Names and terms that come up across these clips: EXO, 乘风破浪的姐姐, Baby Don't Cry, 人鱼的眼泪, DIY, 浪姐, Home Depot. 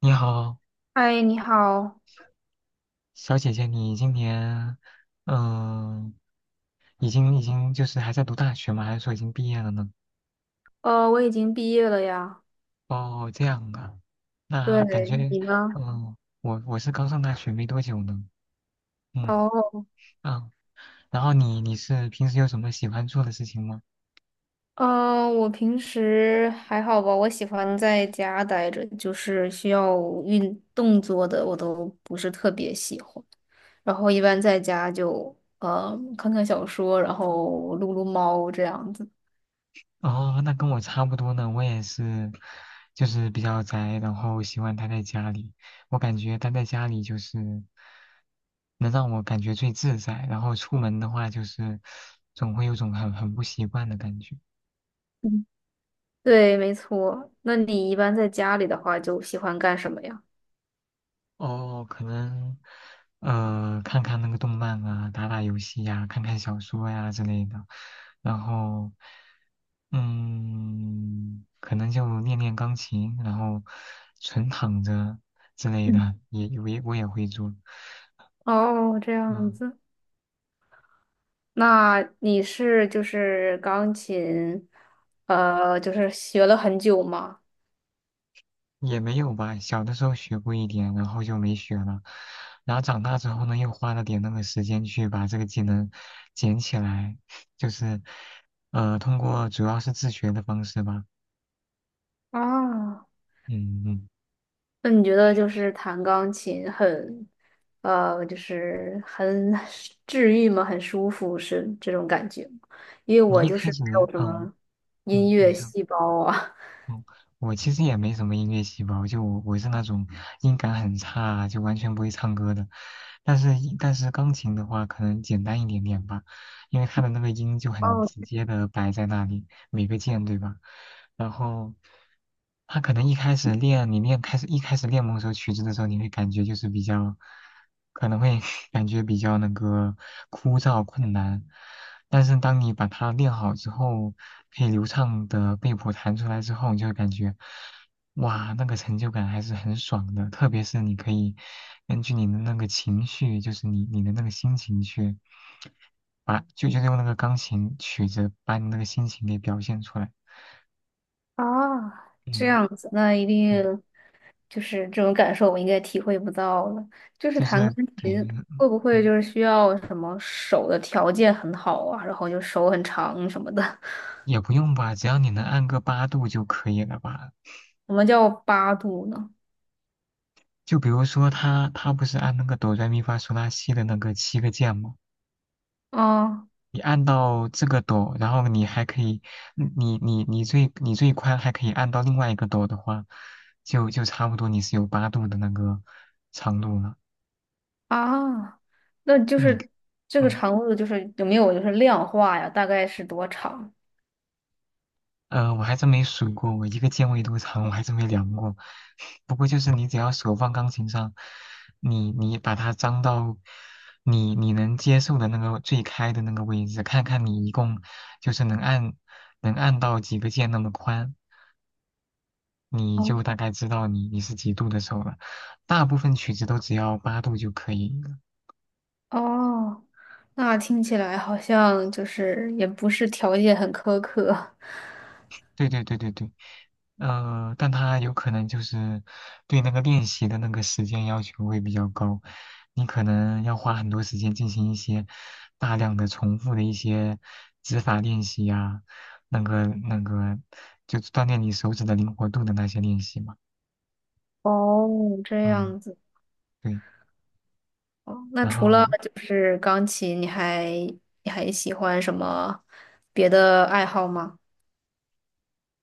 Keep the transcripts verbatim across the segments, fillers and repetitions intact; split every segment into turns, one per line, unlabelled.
你好，
嗨，你好，
小姐姐，你今年，嗯，已经已经就是还在读大学吗？还是说已经毕业了呢？
呃，我已经毕业了呀。
哦，这样啊，那感
对，
觉，
你呢？
嗯，我我是刚上大学没多久呢。嗯
哦，
啊，然后你你是平时有什么喜欢做的事情吗？
嗯，我平时还好吧，我喜欢在家待着，就是需要运动做的，我都不是特别喜欢。然后一般在家就呃看看小说，然后撸撸猫这样子。
哦，那跟我差不多呢，我也是，就是比较宅，然后喜欢待在家里。我感觉待在家里就是能让我感觉最自在，然后出门的话就是总会有种很很不习惯的感觉。
嗯，对，没错。那你一般在家里的话，就喜欢干什么呀？
哦，可能呃看看那个动漫啊，打打游戏呀、看看小说呀、之类的，然后。嗯，可能就练练钢琴，然后纯躺着之类
嗯，
的，也我也我也会做。
哦，这样
嗯，
子。那你是就是钢琴，呃，就是学了很久吗？
也没有吧，小的时候学过一点，然后就没学了。然后长大之后呢，又花了点那个时间去把这个技能捡起来，就是呃，通过主要是自学的方式吧。
啊，
嗯嗯，
那你觉得就是弹钢琴很，呃，就是很治愈吗？很舒服是这种感觉吗？因为我
你一
就
开
是
始，
没有什
嗯
么音
嗯，你
乐
说。
细胞啊。
嗯，我其实也没什么音乐细胞，就我我是那种音感很差，就完全不会唱歌的。但是一但是钢琴的话，可能简单一点点吧，因为它的那个音就 很
哦。
直接的摆在那里，每个键，对吧？然后他可能一开始练，你练开始一开始练某首曲子的时候，你会感觉就是比较，可能会 感觉比较那个枯燥困难，但是当你把它练好之后，可以流畅的背谱弹出来之后，你就会感觉，哇，那个成就感还是很爽的，特别是你可以根据你的那个情绪，就是你你的那个心情去把，就就是用那个钢琴曲子把你那个心情给表现出来。
啊，这
嗯，
样子，那一
对，
定就是这种感受，我应该体会不到了。就是
就是
弹钢
对。
琴会不会
嗯，
就是需要什么手的条件很好啊，然后就手很长什么的？
也不用吧，只要你能按个八度就可以了吧？
我们叫八度呢？
就比如说他他不是按那个哆来咪发嗦拉西的那个七个键吗？
啊
你按到这个斗，然后你还可以，嗯你你你最你最宽还可以按到另外一个斗的话，就就差不多你是有八度的那个长度了。
啊，那就
就你，
是这个
嗯
长度就是有没有就是量化呀？大概是多长？
呃，我还真没数过，我一个键位多长，我还真没量过。不过就是你只要手放钢琴上，你你把它张到你你能接受的那个最开的那个位置，看看你一共就是能按能按到几个键那么宽。你就大
哦
概知道你你是几度的时候了。大部分曲子都只要八度就可以了。
哦，那听起来好像就是也不是条件很苛刻。
对对对对对，呃，但它有可能就是对那个练习的那个时间要求会比较高，你可能要花很多时间进行一些大量的重复的一些指法练习呀、那个那个就锻炼你手指的灵活度的那些练习嘛。
哦，这
嗯，
样子。
对。
哦，那
然
除
后
了就是钢琴，你还你还喜欢什么别的爱好吗？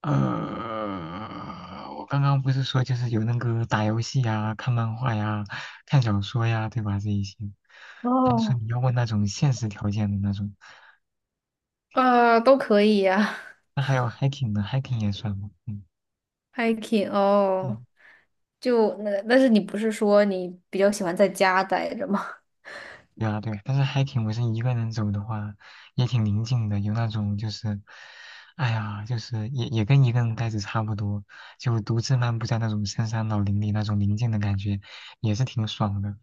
呃，我刚刚不是说就是有那个打游戏呀、看漫画呀、看小说呀，对吧？这一些。但是
哦，
你要问那种现实条件的那种，
呃，都可以呀
那还有 hiking 呢？hiking 也算吗？嗯
，hiking 哦，
嗯，
就那，但是你不是说你比较喜欢在家待着吗？
对啊对啊，但是 hiking 我是一个人走的话，也挺宁静的，有那种就是，哎呀，就是也也跟一个人呆着差不多，就独自漫步在那种深山老林里那种宁静的感觉，也是挺爽的。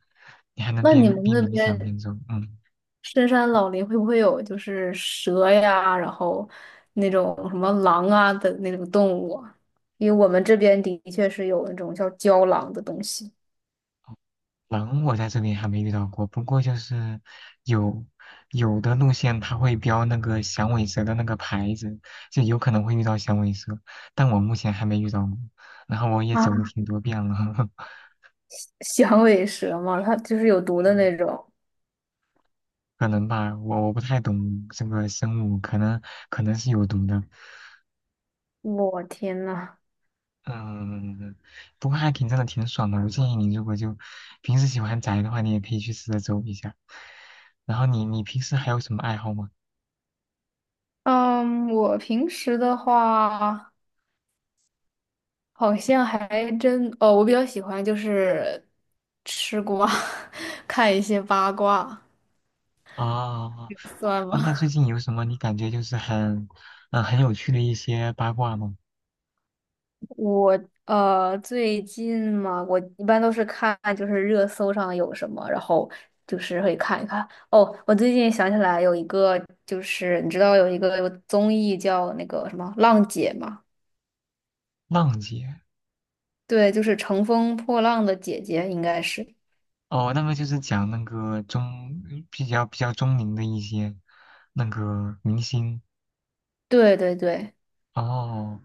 你还能
那你
边
们
边
那
冥想
边
边走，嗯。
深山老林会不会有就是蛇呀，然后那种什么狼啊的那种动物啊，因为我们这边的确是有那种叫郊狼的东西。
狼我在这里还没遇到过，不过就是有有的路线它会标那个响尾蛇的那个牌子，就有可能会遇到响尾蛇，但我目前还没遇到过。然后我也
啊，
走了挺多遍了。
响尾蛇嘛，它就是有毒的那
嗯
种。
可能吧，我我不太懂这个生物，可能可能是有毒的。
我天呐，
嗯，不过还挺真的挺爽的，我建议你如果就平时喜欢宅的话，你也可以去试着走一下。然后你你平时还有什么爱好吗？
嗯，我平时的话，好像还真，哦，我比较喜欢就是吃瓜，看一些八卦，
啊。
算
那
吗？
那最近有什么你感觉就是很，嗯、很有趣的一些八卦吗？
我呃，最近嘛，我一般都是看就是热搜上有什么，然后就是会看一看。哦，我最近想起来有一个，就是你知道有一个有综艺叫那个什么《浪姐》嘛？
浪姐。
对，就是乘风破浪的姐姐，应该是。
哦，那个就是讲那个中比较比较中龄的一些那个明星。
对对对。
哦，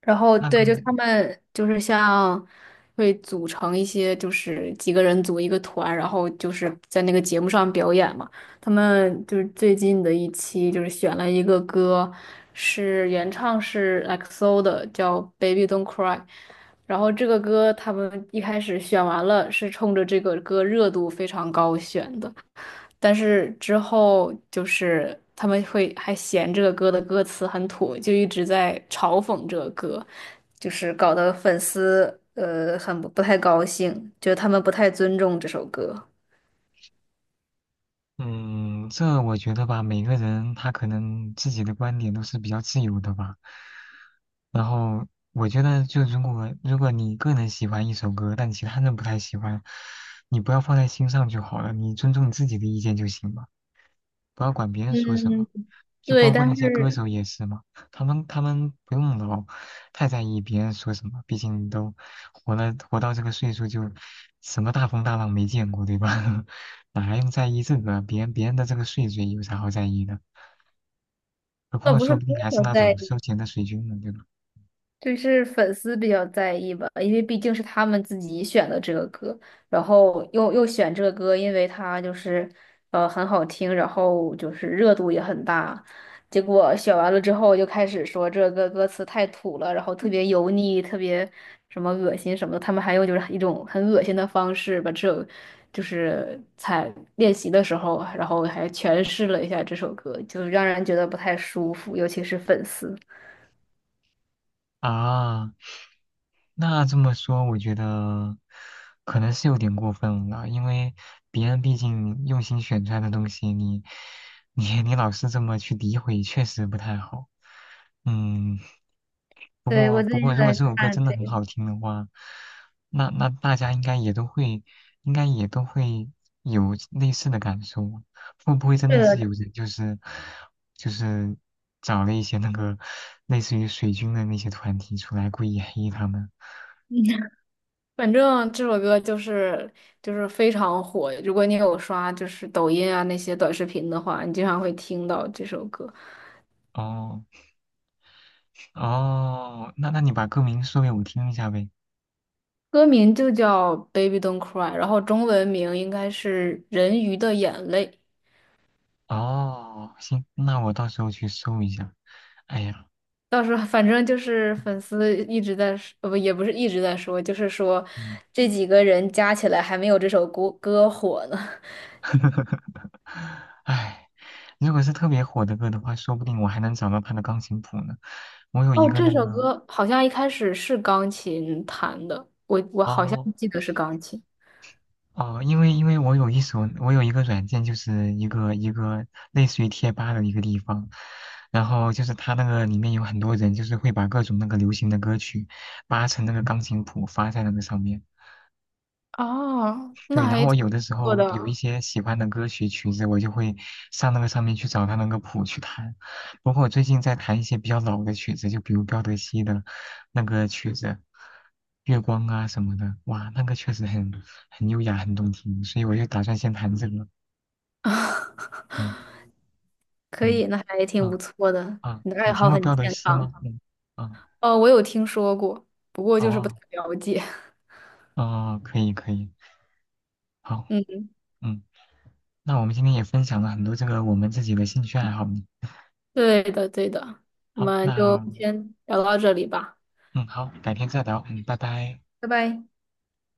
然后
那个，
对，就他们就是像会组成一些，就是几个人组一个团，然后就是在那个节目上表演嘛。他们就是最近的一期就是选了一个歌，是原唱是 E X O 的，叫《Baby Don't Cry》。然后这个歌他们一开始选完了，是冲着这个歌热度非常高选的。但是之后就是他们会还嫌这个歌的歌词很土，就一直在嘲讽这个歌，就是搞得粉丝呃很不不太高兴，觉得他们不太尊重这首歌。
嗯，这我觉得吧，每个人他可能自己的观点都是比较自由的吧。然后我觉得，就如果如果你个人喜欢一首歌，但其他人不太喜欢，你不要放在心上就好了，你尊重你自己的意见就行了。不要管别人说什
嗯，
么，就
对，
包括
但
那些歌
是
手也是嘛，他们他们不用老太在意别人说什么，毕竟都活了活到这个岁数，就什么大风大浪没见过，对吧？哪还用在意这个啊？别人别人的这个岁数有啥好在意的？何
倒
况
不
说
是
不定
歌
还是
手
那
在，
种收钱的水军呢，对吧？
就是粉丝比较在意吧，因为毕竟是他们自己选的这个歌，然后又又选这个歌，因为它就是呃很好听，然后就是热度也很大。结果选完了之后，就开始说这个歌词太土了，然后特别油腻，特别什么恶心什么的。他们还用就是一种很恶心的方式把这首就是在练习的时候，然后还诠释了一下这首歌，就让人觉得不太舒服，尤其是粉丝。
啊，那这么说，我觉得可能是有点过分了，因为别人毕竟用心选出来的东西，你你你老是这么去诋毁，确实不太好。嗯，不
对，我
过不
最
过，
近
如果
在
这首歌
看
真的很
这。
好听的话，那那大家应该也都会，应该也都会有类似的感受，会不会真
这
的是
个
有 人就是就是找了一些那个类似于水军的那些团体出来故意黑他们？
反正这首歌就是就是非常火。如果你有刷就是抖音啊那些短视频的话，你经常会听到这首歌。
哦，哦，那那你把歌名说给我听一下呗。
歌名就叫《Baby Don't Cry》，然后中文名应该是《人鱼的眼泪》。
哦，行，那我到时候去搜一下。哎呀，
到时候反正就是粉丝一直在说，呃不，也不是一直在说，就是说
嗯，
这几个人加起来还没有这首歌歌火呢。
哎，如果是特别火的歌的话，说不定我还能找到他的钢琴谱呢。我有一
哦，
个
这
那
首
个，
歌好像一开始是钢琴弹的，我我好像
哦
记得是钢琴。
哦，因为因为我有一首，我有一个软件，就是一个一个类似于贴吧的一个地方，然后就是它那个里面有很多人，就是会把各种那个流行的歌曲扒成那个钢琴谱发在那个上面。
哦，那
对，然后
还
我
挺
有的时
不错
候有一
的。
些喜欢的歌曲曲子，我就会上那个上面去找它那个谱去弹。包括我最近在弹一些比较老的曲子，就比如彪德西的那个曲子《月光》啊什么的，哇，那个确实很很优雅，很动听，所以我就打算先弹这个。嗯
可
嗯
以，那还挺不
嗯，
错的。
啊，
你的爱
你听
好
过
很
彪德
健
西吗？
康。
嗯嗯
哦，我有听说过，不过就是不太
哦
了解。
哦，可以可以，好，
嗯，
嗯，那我们今天也分享了很多这个我们自己的兴趣爱好呢。
对的，对的。我
好，
们就
那。
先聊到这里吧，
嗯，好，改天再聊。嗯，拜拜。
拜拜。